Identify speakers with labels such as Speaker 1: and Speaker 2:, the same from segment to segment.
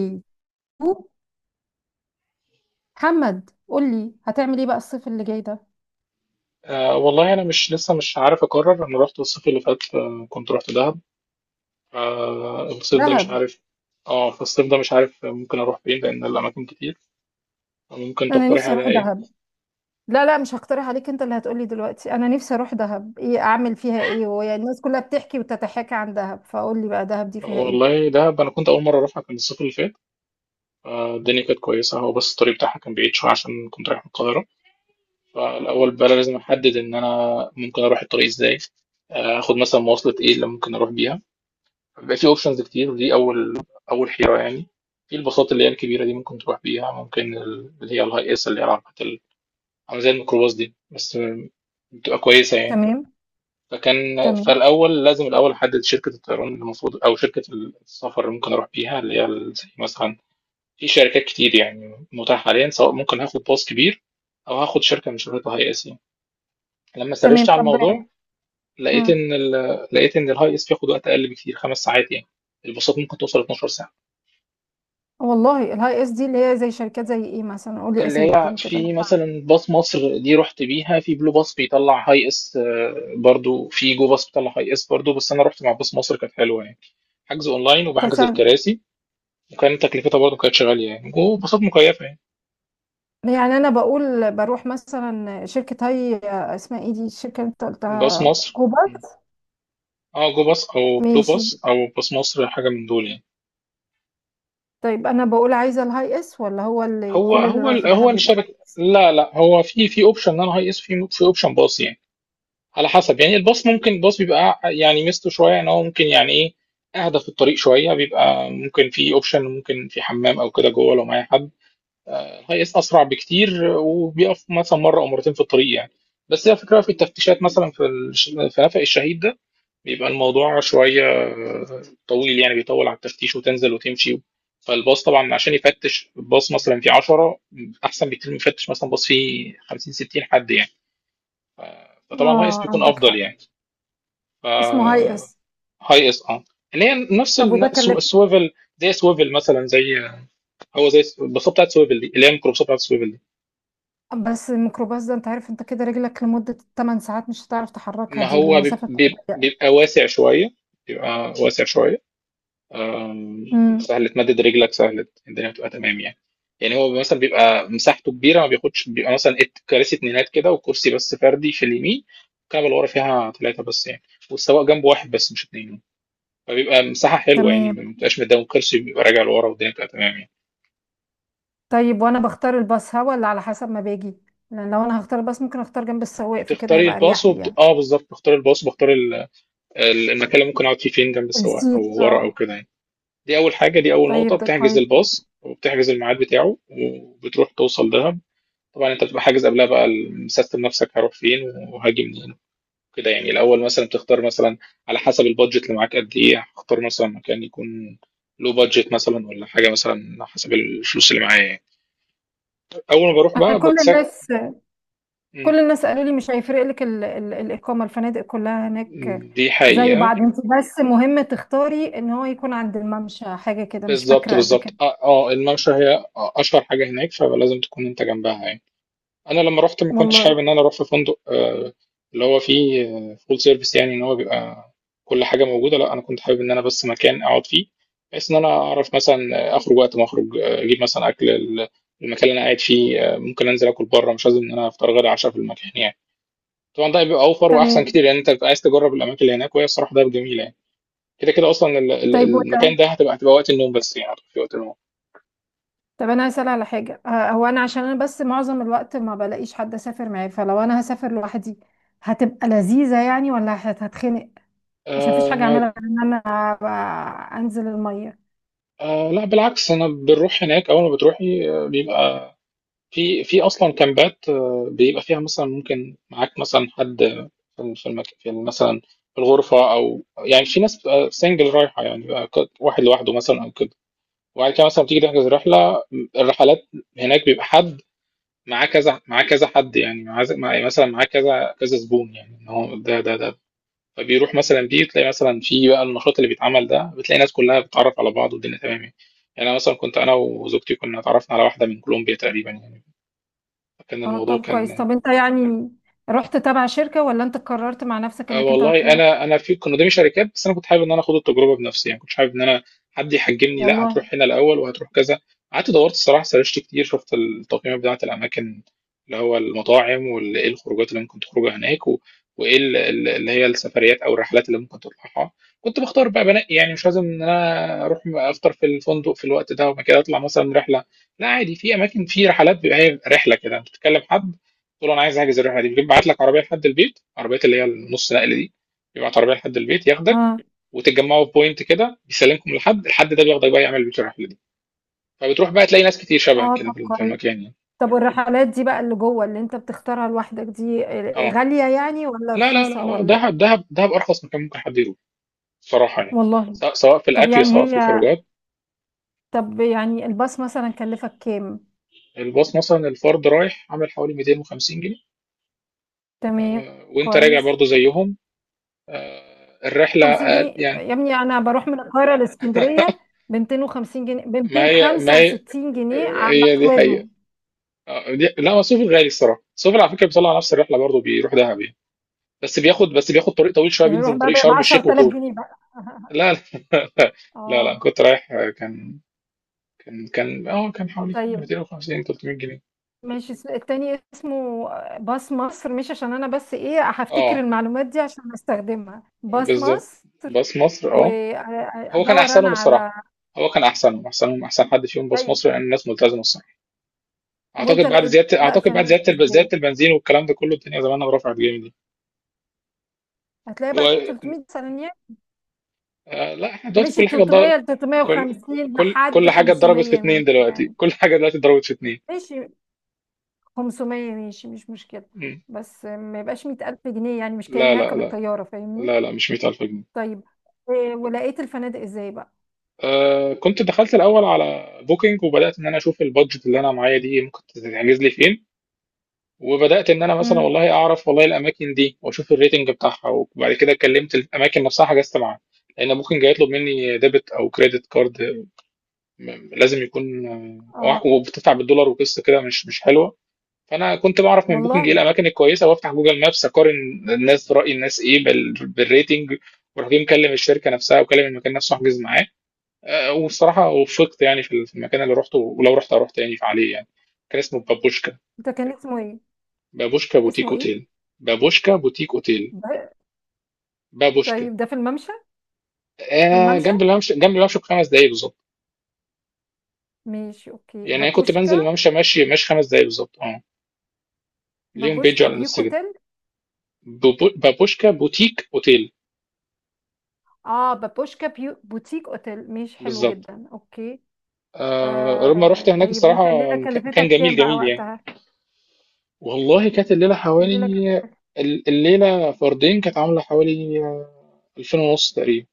Speaker 1: إيه؟ محمد قول لي هتعمل ايه بقى الصيف اللي جاي ده.
Speaker 2: والله انا مش لسه مش عارف اقرر. انا رحت الصيف اللي فات، كنت رحت دهب. الصيف ده مش
Speaker 1: دهب،
Speaker 2: عارف. اه فالصيف ده مش عارف ممكن اروح فين لان الاماكن كتير. ممكن
Speaker 1: انا
Speaker 2: تقترح
Speaker 1: نفسي
Speaker 2: على
Speaker 1: اروح
Speaker 2: ايه؟
Speaker 1: دهب. لا لا، مش هقترح عليك، انت اللي هتقولي دلوقتي. انا نفسي اروح دهب، ايه اعمل فيها، ايه وهي الناس كلها بتحكي وتتحاكى عن دهب؟ فقول لي بقى دهب دي فيها ايه.
Speaker 2: والله دهب انا كنت اول مره اروحها كان الصيف اللي فات، الدنيا كانت كويسه، هو بس الطريق بتاعها كان بعيد شويه عشان كنت رايح من القاهره. فالاول بقى لازم احدد ان انا ممكن اروح الطريق ازاي، اخد مثلا مواصله ايه اللي ممكن اروح بيها. بيبقى في اوبشنز كتير ودي اول حيره يعني. في الباصات اللي هي الكبيره دي ممكن تروح بيها، ممكن اللي هي الهاي اس، اللي هي العربيات عامله زي الميكروباص دي، بس بتبقى كويسه يعني.
Speaker 1: تمام.
Speaker 2: فكان
Speaker 1: تمام.
Speaker 2: فالاول لازم الاول احدد شركه الطيران اللي المفروض او شركه السفر اللي ممكن اروح بيها، زي مثلا، في شركات كتير يعني متاحه حاليا، سواء ممكن هاخد باص كبير او هاخد شركه من شركات الهاي اس يعني. لما
Speaker 1: تمام.
Speaker 2: سرشت على
Speaker 1: طب
Speaker 2: الموضوع لقيت
Speaker 1: ها.
Speaker 2: ان ال... لقيت ان الهاي اس بياخد وقت اقل بكتير، خمس ساعات يعني. الباصات ممكن توصل 12 ساعه.
Speaker 1: والله الهاي اس دي اللي هي زي شركات زي ايه مثلا؟ قول لي
Speaker 2: اللي
Speaker 1: اسامي
Speaker 2: هي
Speaker 1: كده
Speaker 2: في
Speaker 1: لو تعرف.
Speaker 2: مثلا باص مصر، دي رحت بيها، في بلو باص بيطلع هاي اس، برضو في جو باص بيطلع هاي اس برضو، بس انا رحت مع باص مصر، كانت حلوه يعني. حجز اونلاين
Speaker 1: طب
Speaker 2: وبحجز
Speaker 1: سن-
Speaker 2: الكراسي، وكان تكلفتها برضو كانت غاليه يعني، جو باصات مكيفه يعني.
Speaker 1: يعني انا بقول بروح مثلا شركه هاي، اسمها ايه دي الشركه اللي انت
Speaker 2: باص
Speaker 1: قلتها؟
Speaker 2: مصر.
Speaker 1: كوبا.
Speaker 2: اه، جو باص او بلو
Speaker 1: ماشي.
Speaker 2: باص او باص مصر، حاجه من دول يعني.
Speaker 1: طيب انا بقول عايزه الهاي اس ولا هو اللي
Speaker 2: هو
Speaker 1: كل اللي
Speaker 2: هو
Speaker 1: رايح دهب بيبقى هاي
Speaker 2: الشركه.
Speaker 1: اس؟
Speaker 2: لا لا، هو في اوبشن ان انا هاي اس، في اوبشن باص يعني، على حسب يعني. الباص ممكن بيبقى يعني ميزته شويه ان هو ممكن يعني ايه، اهدى في الطريق شويه. بيبقى ممكن في اوبشن، ممكن في حمام او كده جوه لو معايا حد. الهاي اس اسرع بكتير وبيقف مثلا مره او مرتين في الطريق يعني. بس هي الفكره في التفتيشات مثلا في في نفق الشهيد ده، بيبقى الموضوع شويه طويل يعني، بيطول على التفتيش وتنزل وتمشي. فالباص طبعا عشان يفتش باص مثلا فيه 10، احسن بكتير من يفتش مثلا باص فيه 50 60 حد يعني. فطبعا الهاي اس
Speaker 1: اه،
Speaker 2: بيكون
Speaker 1: عندك
Speaker 2: افضل
Speaker 1: حق.
Speaker 2: يعني.
Speaker 1: اسمه هاي
Speaker 2: آه.
Speaker 1: اس.
Speaker 2: هاي اس، اه، اللي هي نفس
Speaker 1: طب وده كلف؟
Speaker 2: السويفل، زي سويفل مثلا، زي آه، هو زي البساطه بتاعت سويفل دي، اللي هي الميكروبساطه بتاعت سويفل دي.
Speaker 1: بس الميكروباص ده انت عارف، انت كده رجلك لمده 8 ساعات مش هتعرف تحركها،
Speaker 2: ما
Speaker 1: دي
Speaker 2: هو
Speaker 1: المسافه بتبقى ضيقه.
Speaker 2: بيبقى واسع شويه، بيبقى واسع شويه. آم،
Speaker 1: امم.
Speaker 2: سهل تمدد رجلك، سهل، الدنيا بتبقى تمام يعني. يعني هو مثلا بيبقى مساحته كبيره، ما بياخدش. بيبقى مثلا كراسي اتنينات كده وكرسي بس فردي في اليمين، الكنبه اللي ورا فيها ثلاثه بس يعني، والسواق جنبه واحد بس مش اتنين. فبيبقى مساحه حلوه يعني،
Speaker 1: تمام.
Speaker 2: ما بتبقاش مدام كرسي بيبقى راجع لورا، والدنيا بتبقى تمام يعني.
Speaker 1: طيب وانا بختار الباص ها ولا على حسب ما باجي؟ لان لو انا هختار الباص ممكن اختار جنب السواق فكده
Speaker 2: بتختاري
Speaker 1: هيبقى
Speaker 2: الباص
Speaker 1: اريح لي
Speaker 2: وبت...
Speaker 1: يعني.
Speaker 2: اه بالظبط، بختار الباص وبختار المكان اللي ممكن اقعد فيه فين، جنب السواق او
Speaker 1: نسيت،
Speaker 2: ورا او
Speaker 1: اه.
Speaker 2: كده يعني. دي اول حاجه، دي اول نقطه،
Speaker 1: طيب ده
Speaker 2: بتحجز
Speaker 1: كويس جدا.
Speaker 2: الباص وبتحجز الميعاد بتاعه وبتروح توصل دهب. طبعا انت بتبقى حاجز قبلها بقى، مسستم نفسك هروح فين وهاجي منين كده يعني. الاول مثلا بتختار مثلا على حسب البادجت اللي معاك قد ايه، هختار مثلا مكان يكون، لو بادجت مثلا ولا حاجه، مثلا على حسب الفلوس اللي معايا يعني. اول ما بروح
Speaker 1: انا
Speaker 2: بقى
Speaker 1: كل
Speaker 2: بتسك.
Speaker 1: الناس
Speaker 2: م.
Speaker 1: كل الناس قالوا لي مش هيفرق لك ال الإقامة، الفنادق كلها هناك
Speaker 2: دي
Speaker 1: زي
Speaker 2: حقيقه.
Speaker 1: بعض، انت بس مهم تختاري ان هو يكون عند الممشى، حاجة كده مش
Speaker 2: بالظبط
Speaker 1: فاكرة قد
Speaker 2: بالظبط،
Speaker 1: كده.
Speaker 2: الممشى هي اشهر حاجه هناك، فلازم تكون انت جنبها يعني. انا لما رحت ما كنتش
Speaker 1: والله.
Speaker 2: حابب ان انا اروح في فندق، اللي هو فيه فول سيرفيس يعني، ان هو بيبقى كل حاجه موجوده. لا، انا كنت حابب ان انا بس مكان اقعد فيه، بحيث ان انا اعرف مثلا اخرج وقت ما اخرج، اجيب مثلا اكل المكان اللي انا قاعد فيه، ممكن انزل اكل بره، مش لازم ان انا افطر غدا عشاء في المكان يعني. طبعا ده بيبقى اوفر واحسن
Speaker 1: تمام.
Speaker 2: كتير، لان انت بتبقى عايز تجرب الاماكن اللي هناك، وهي الصراحه ده جميله يعني. كده كده اصلا
Speaker 1: طيب
Speaker 2: المكان
Speaker 1: وده
Speaker 2: ده هتبقى وقت النوم بس يعني، هتبقى في وقت النوم.
Speaker 1: طب انا هسأل على حاجة. هو انا عشان انا بس معظم الوقت ما بلاقيش حد اسافر معاه، فلو انا هسافر لوحدي هتبقى لذيذة يعني ولا هتخنق؟ عشان مفيش حاجة
Speaker 2: آه.
Speaker 1: اعملها غير ان انا أبقى انزل المية.
Speaker 2: لا بالعكس، انا بنروح هناك. اول ما بتروحي، بيبقى في اصلا كامبات، بيبقى فيها مثلا ممكن معاك مثلا حد في في المك... في مثلا في الغرفه، او يعني في ناس سنجل رايحه يعني، بيبقى واحد لوحده مثلا او كده. وبعد كده مثلا بتيجي تحجز رحله. الرحلات هناك بيبقى حد معاه كذا، معاه كذا حد يعني، معاه معاه- مثلا معاه كذا كذا زبون يعني، إن هو ده. فبيروح مثلا، دي تلاقي مثلا في بقى النشاط اللي بيتعمل ده، بتلاقي ناس كلها بتتعرف على بعض والدنيا تمام يعني. يعني انا مثلا كنت، انا وزوجتي كنا اتعرفنا على واحده من كولومبيا تقريبا يعني. كان
Speaker 1: اه
Speaker 2: الموضوع
Speaker 1: طب كويس.
Speaker 2: كان،
Speaker 1: طب انت يعني رحت تبع شركة ولا انت قررت مع نفسك انك انت
Speaker 2: والله
Speaker 1: هتروح؟
Speaker 2: انا في كنا قدامي شركات، بس انا كنت حابب ان انا اخد التجربه بنفسي يعني. كنت حابب ان انا حد يحجمني، لا
Speaker 1: والله.
Speaker 2: هتروح هنا الاول وهتروح كذا. قعدت دورت الصراحه، سرشت كتير، شفت التقييمات بتاعه الاماكن، اللي هو المطاعم وايه الخروجات اللي ممكن تخرجها هناك، وايه اللي هي السفريات او الرحلات اللي ممكن تطلعها. كنت بختار بقى، بنقي يعني. مش لازم ان انا اروح افطر في الفندق في الوقت ده وبعد كده اطلع مثلا رحله، لا عادي. في اماكن، في رحلات، بيبقى هي رحله كده انت بتتكلم حد، قلت له انا عايز احجز الرحله دي، بيبعت لك عربيه لحد البيت، عربيات اللي هي النص نقل دي، بيبعت عربيه لحد البيت ياخدك
Speaker 1: ها.
Speaker 2: وتتجمعوا في بوينت كده، بيسلمكم لحد الحد ده، بياخدك بقى يعمل بيك الرحله دي. فبتروح بقى تلاقي ناس كتير شبهك
Speaker 1: اه
Speaker 2: كده
Speaker 1: طب
Speaker 2: في
Speaker 1: كويس.
Speaker 2: المكان يعني.
Speaker 1: طب والرحلات دي بقى اللي جوه اللي انت بتختارها لوحدك دي،
Speaker 2: اه.
Speaker 1: غالية يعني ولا
Speaker 2: لا لا لا
Speaker 1: رخيصة
Speaker 2: لا،
Speaker 1: ولا ايه؟
Speaker 2: دهب دهب دهب ارخص مكان ممكن حد يروح صراحه يعني،
Speaker 1: والله.
Speaker 2: سواء في
Speaker 1: طب
Speaker 2: الاكل،
Speaker 1: يعني
Speaker 2: سواء في
Speaker 1: هي
Speaker 2: الخروجات.
Speaker 1: طب يعني الباص مثلا كلفك كام؟
Speaker 2: الباص مثلا الفرد رايح عامل حوالي 250 جنيه،
Speaker 1: تمام.
Speaker 2: وانت راجع
Speaker 1: كويس.
Speaker 2: برضو زيهم. الرحله
Speaker 1: 50
Speaker 2: أقل-
Speaker 1: جنيه
Speaker 2: يعني
Speaker 1: يا ابني؟ انا بروح من القاهرة لاسكندرية ب 250 جنيه، ب
Speaker 2: ما هي ما
Speaker 1: 265
Speaker 2: هي
Speaker 1: جنيه على
Speaker 2: هي دي
Speaker 1: سويفل.
Speaker 2: حقيقة. لا هو سوفل غالي الصراحه. سوفل على فكره بيطلع نفس الرحله برضه، بيروح دهب يعني، بس بياخد طريق طويل شويه،
Speaker 1: يعني
Speaker 2: بينزل
Speaker 1: بروح
Speaker 2: من
Speaker 1: بقى
Speaker 2: طريق
Speaker 1: ب
Speaker 2: شرم الشيخ
Speaker 1: 10000
Speaker 2: وطور.
Speaker 1: جنيه بقى؟
Speaker 2: لا لا لا, لا.
Speaker 1: اه.
Speaker 2: كنت رايح، كان حوالي
Speaker 1: طيب
Speaker 2: 250 300 جنيه.
Speaker 1: ماشي. التاني اسمه باص مصر، مش عشان انا بس ايه، هفتكر
Speaker 2: اه،
Speaker 1: المعلومات دي عشان استخدمها. باص
Speaker 2: بالظبط،
Speaker 1: مصر.
Speaker 2: باص مصر، اه. هو كان
Speaker 1: وادور انا
Speaker 2: احسنهم الصراحه.
Speaker 1: على
Speaker 2: هو كان احسنهم، احسن حد فيهم باص
Speaker 1: طيب
Speaker 2: مصر، لان الناس ملتزمه الصراحه.
Speaker 1: وانت
Speaker 2: اعتقد بعد
Speaker 1: لقيت
Speaker 2: زياده،
Speaker 1: بقى الفنادق
Speaker 2: زياده
Speaker 1: ازاي؟
Speaker 2: البنزين والكلام ده كله، الدنيا زمانها رفعت جامد يعني.
Speaker 1: هتلاقي
Speaker 2: هو
Speaker 1: بقى 300 ثانية.
Speaker 2: آه، لا احنا دلوقتي
Speaker 1: مشي
Speaker 2: كل حاجه ضرب،
Speaker 1: 300 ل
Speaker 2: كل
Speaker 1: 350
Speaker 2: كل
Speaker 1: لحد
Speaker 2: كل حاجه اتضربت في
Speaker 1: 500
Speaker 2: اتنين.
Speaker 1: مين
Speaker 2: دلوقتي
Speaker 1: يعني.
Speaker 2: كل حاجه دلوقتي اتضربت في اتنين.
Speaker 1: ماشي. 500 ماشي، مش مشكلة.
Speaker 2: مم.
Speaker 1: بس ما يبقاش 100000 جنيه يعني، مش
Speaker 2: لا
Speaker 1: كأني
Speaker 2: لا،
Speaker 1: هركب الطيارة فاهمني.
Speaker 2: مش 100000 جنيه.
Speaker 1: طيب. ولقيت الفنادق ازاي بقى؟
Speaker 2: آه كنت دخلت الاول على بوكينج وبدات ان انا اشوف البادجت اللي انا معايا دي ممكن تتحجز لي فين، وبدات ان انا مثلا
Speaker 1: امم.
Speaker 2: والله اعرف والله الاماكن دي، واشوف الريتنج بتاعها، وبعد كده كلمت الاماكن نفسها حجزت معاها. لان بوكينج هيطلب مني ديبت او كريدت كارد، لازم يكون.
Speaker 1: اه
Speaker 2: وبتدفع بالدولار وقصه كده، مش حلوه. فانا كنت بعرف من بوكينج ايه
Speaker 1: والله.
Speaker 2: الاماكن الكويسه، وافتح جوجل مابس اقارن الناس، راي الناس ايه بالريتنج، وراح جاي مكلم الشركه نفسها وكلم المكان نفسه احجز معاه. والصراحه وفقت يعني في المكان اللي رحته، ولو رحت اروح تاني عليه يعني. كان اسمه بابوشكا.
Speaker 1: ده كان اسمه ايه؟
Speaker 2: بابوشكا بوتيك
Speaker 1: اسمه ايه؟
Speaker 2: اوتيل. بابوشكا بوتيك اوتيل.
Speaker 1: ده-
Speaker 2: بابوشكا.
Speaker 1: طيب ده في الممشى؟ في
Speaker 2: آه،
Speaker 1: الممشى.
Speaker 2: جنب الممشى، بخمس دقايق بالظبط.
Speaker 1: ماشي اوكي.
Speaker 2: يعني انا كنت بنزل
Speaker 1: بابوشكا.
Speaker 2: الممشى ماشي ماشي خمس دقايق بالظبط، اه. ليهم بيج
Speaker 1: بابوشكا
Speaker 2: على
Speaker 1: بيوك
Speaker 2: الانستجرام.
Speaker 1: اوتيل.
Speaker 2: بابوشكا بوتيك اوتيل.
Speaker 1: اه بابوشكا بيو بوتيك اوتيل. ماشي حلو
Speaker 2: بالظبط.
Speaker 1: جدا. اوكي.
Speaker 2: آه لما رحت
Speaker 1: آه
Speaker 2: هناك
Speaker 1: طيب وانت
Speaker 2: الصراحة،
Speaker 1: الليله
Speaker 2: مكان
Speaker 1: كلفتك
Speaker 2: جميل
Speaker 1: كام بقى
Speaker 2: جميل يعني.
Speaker 1: وقتها؟
Speaker 2: والله كانت الليلة
Speaker 1: الليله
Speaker 2: حوالي،
Speaker 1: كلفتك.
Speaker 2: الليلة فردين كانت عاملة حوالي ألفين ونص تقريبا.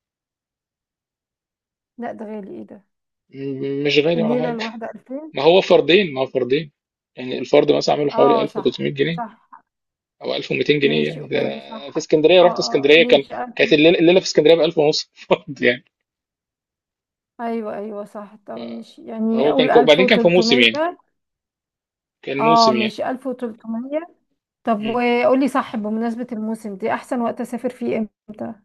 Speaker 1: لا ده غالي، ايه ده؟
Speaker 2: مش غالي ولا
Speaker 1: الليله
Speaker 2: حاجة.
Speaker 1: الواحده 2000؟
Speaker 2: ما هو فردين، يعني الفرد مثلا عامله حوالي
Speaker 1: اه
Speaker 2: 1300
Speaker 1: صح.
Speaker 2: جنيه
Speaker 1: صح.
Speaker 2: أو 1200 جنيه
Speaker 1: ماشي
Speaker 2: يعني ده.
Speaker 1: اوكي.
Speaker 2: أنا في
Speaker 1: صح.
Speaker 2: اسكندرية،
Speaker 1: اه
Speaker 2: رحت
Speaker 1: اه
Speaker 2: اسكندرية كان،
Speaker 1: ماشي 1000.
Speaker 2: كانت الليلة, الليلة في اسكندرية ب 1000 ونص فرد يعني.
Speaker 1: ايوه ايوه صح. طب ماشي يعني، اقول
Speaker 2: وبعدين كان في موسم
Speaker 1: 1300.
Speaker 2: يعني، كان
Speaker 1: اه
Speaker 2: موسم يعني.
Speaker 1: ماشي 1300. طب
Speaker 2: م.
Speaker 1: وقولي صح، بمناسبة الموسم دي أحسن وقت أسافر فيه إمتى؟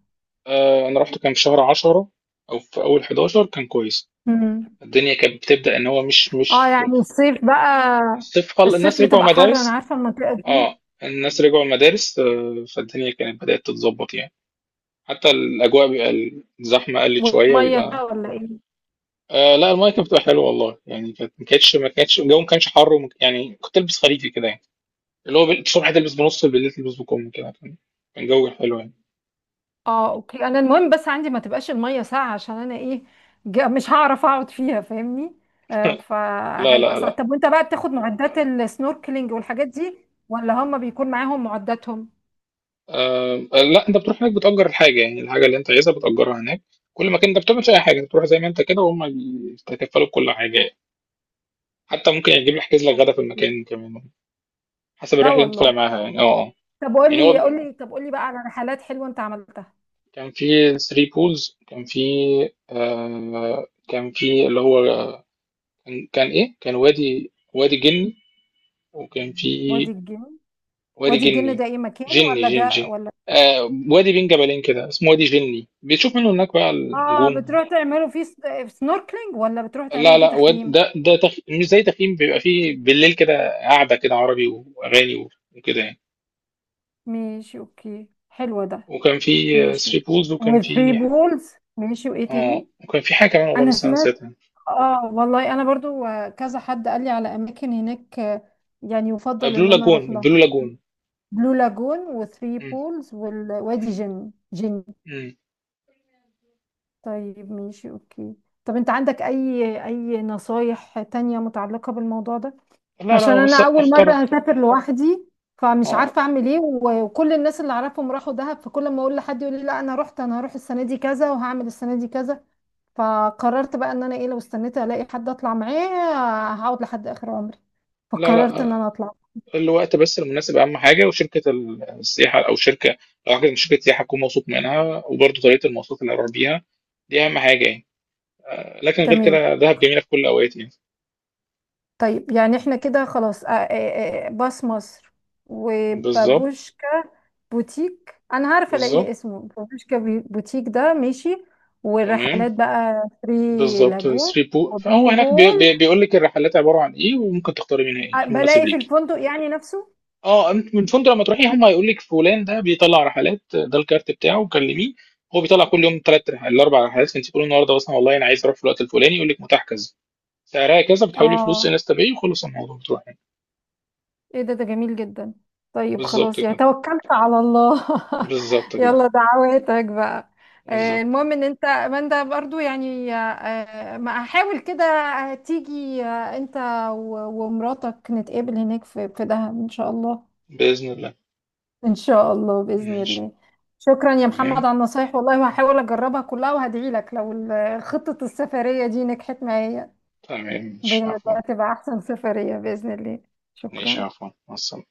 Speaker 2: آه، أنا رحت كان في شهر 10 أو في أول 11، كان كويس.
Speaker 1: مم.
Speaker 2: الدنيا كانت بتبدأ ان هو
Speaker 1: اه
Speaker 2: مش.
Speaker 1: يعني الصيف بقى؟
Speaker 2: الصيف الناس
Speaker 1: الصيف
Speaker 2: رجعوا
Speaker 1: بتبقى حر، أنا
Speaker 2: مدارس.
Speaker 1: عارفة المنطقة دي.
Speaker 2: اه الناس رجعوا المدارس، فالدنيا كانت بدأت تتظبط يعني. حتى الأجواء بيبقى الزحمة قلت شوية
Speaker 1: والمية
Speaker 2: ويبقى.
Speaker 1: ساقعة ولا إيه؟
Speaker 2: آه، لا، المايه كانت بتبقى حلوه والله يعني. كانت ما كانتش الجو ما كانش حر يعني كنت البس خريفي كده يعني، اللي هو الصبح تلبس بنص، بالليل تلبس بكم كده. كان كان جو حلو يعني.
Speaker 1: اه أوكي. أنا المهم بس عندي ما تبقاش المية ساقعة، عشان أنا إيه، مش هعرف أقعد فيها فاهمني؟
Speaker 2: لا
Speaker 1: فهيبقى
Speaker 2: لا
Speaker 1: صعب.
Speaker 2: لا.
Speaker 1: طب وأنت بقى بتاخد معدات السنوركلينج والحاجات دي ولا هم بيكون معاهم معداتهم؟
Speaker 2: آه، لا انت بتروح هناك بتأجر الحاجة يعني، الحاجة اللي انت عايزها بتأجرها هناك. كل مكان انت بتعمل فيه اي حاجة بتروح زي ما انت كده، وهم بيتكفلوا بكل حاجة. حتى ممكن يجيب يحجز لك غدا في
Speaker 1: أوكي.
Speaker 2: المكان كمان، حسب
Speaker 1: لا
Speaker 2: الرحله اللي انت طالع
Speaker 1: والله.
Speaker 2: معاها يعني، اه آه.
Speaker 1: طب
Speaker 2: يعني هو
Speaker 1: قولي قولي طب قولي بقى على رحلات حلوة أنت عملتها.
Speaker 2: كان في 3 بولز، كان في، آه كان في اللي هو، كان وادي جني، وكان
Speaker 1: وادي
Speaker 2: في.
Speaker 1: الجن.
Speaker 2: وادي
Speaker 1: وادي الجن
Speaker 2: جني.
Speaker 1: ده ايه، مكان ولا ده
Speaker 2: جن.
Speaker 1: ولا؟
Speaker 2: آه وادي بين جبلين كده اسمه وادي جني، بتشوف منه هناك بقى
Speaker 1: اه
Speaker 2: النجوم.
Speaker 1: بتروح تعملوا فيه سنوركلينج ولا بتروح
Speaker 2: لا
Speaker 1: تعملوا فيه
Speaker 2: لا،
Speaker 1: تخييم؟
Speaker 2: مش زي تخييم. بيبقى فيه بالليل كده قاعده كده عربي واغاني وكده يعني.
Speaker 1: ماشي اوكي، حلو ده.
Speaker 2: وكان في
Speaker 1: ماشي.
Speaker 2: 3 بولز، وكان
Speaker 1: وثري
Speaker 2: في،
Speaker 1: بولز ماشي، وايه
Speaker 2: اه
Speaker 1: تاني؟
Speaker 2: وكان في حاجه كمان والله
Speaker 1: انا
Speaker 2: بس انا
Speaker 1: سمعت.
Speaker 2: نسيتها.
Speaker 1: اه والله انا برضو، كذا حد قال لي على اماكن هناك يعني يفضل
Speaker 2: بلو
Speaker 1: ان انا
Speaker 2: لاجون،
Speaker 1: اروح لها. بلو لاجون وثري
Speaker 2: مم.
Speaker 1: بولز والوادي جن جن.
Speaker 2: مم.
Speaker 1: طيب ماشي اوكي. طب انت عندك اي نصايح تانية متعلقة بالموضوع ده؟
Speaker 2: لا
Speaker 1: عشان
Speaker 2: لا، بص
Speaker 1: انا اول مره
Speaker 2: اختار،
Speaker 1: هسافر لوحدي فمش
Speaker 2: اه
Speaker 1: عارفه اعمل ايه، وكل الناس اللي اعرفهم راحوا دهب، فكل ما اقول لحد يقول لي لا انا رحت انا هروح السنه دي كذا وهعمل السنه دي كذا، فقررت بقى ان انا ايه، لو استنيت الاقي حد اطلع معاه هقعد لحد اخر عمري،
Speaker 2: لا لا
Speaker 1: فقررت ان انا
Speaker 2: آه،
Speaker 1: اطلع.
Speaker 2: الوقت بس المناسب اهم حاجه، وشركه السياحه او شركه، لو حاجه من شركه سياحه اكون موثوق منها، وبرضه طريقه المواصلات اللي هروح بيها، دي اهم حاجه يعني. لكن غير
Speaker 1: تمام.
Speaker 2: كده دهب جميله في كل الاوقات يعني.
Speaker 1: طيب يعني احنا كده خلاص باص مصر
Speaker 2: بالظبط
Speaker 1: وبابوشكا بوتيك، انا عارفه الاقي
Speaker 2: بالظبط.
Speaker 1: اسمه بابوشكا بوتيك ده. ماشي.
Speaker 2: تمام.
Speaker 1: والرحلات بقى ثري
Speaker 2: بالظبط.
Speaker 1: لاجون
Speaker 2: 3 بو، فهو
Speaker 1: وبلو
Speaker 2: هناك بي
Speaker 1: هول.
Speaker 2: بي بيقول لك الرحلات عباره عن ايه، وممكن تختاري منها ايه المناسب
Speaker 1: بلاقي في
Speaker 2: ليك.
Speaker 1: الفندق يعني نفسه؟
Speaker 2: اه انت من فندق لما تروحي هم هيقول لك فلان ده بيطلع رحلات، ده الكارت بتاعه، كلميه. هو بيطلع كل يوم ثلاث رحلات، الاربع رحلات، انت تقولي النهارده مثلا والله انا عايز اروح في الوقت الفلاني، يقول لك متاح كذا، سعرها كذا، بتحولي فلوس
Speaker 1: اه.
Speaker 2: انستا باي وخلص الموضوع بتروحي.
Speaker 1: ايه ده جميل جدا. طيب
Speaker 2: بالظبط
Speaker 1: خلاص يعني،
Speaker 2: كده.
Speaker 1: توكلت على الله.
Speaker 2: بالظبط كده.
Speaker 1: يلا دعواتك بقى.
Speaker 2: بالظبط.
Speaker 1: المهم ان انت ماندا برضو يعني، ما احاول كده تيجي انت ومراتك نتقابل هناك في دهب ان شاء الله.
Speaker 2: باذن الله.
Speaker 1: ان شاء الله باذن
Speaker 2: ماشي.
Speaker 1: الله. شكرا يا محمد
Speaker 2: تمام.
Speaker 1: على النصايح والله، وهحاول اجربها كلها، وهدعي لك لو خطة السفرية دي نجحت معايا.
Speaker 2: تمام مش
Speaker 1: بجد
Speaker 2: عفوا.
Speaker 1: هتبقى احسن سفرية باذن الله.
Speaker 2: ماشي
Speaker 1: شكرا.
Speaker 2: عفوا، مع السلامه.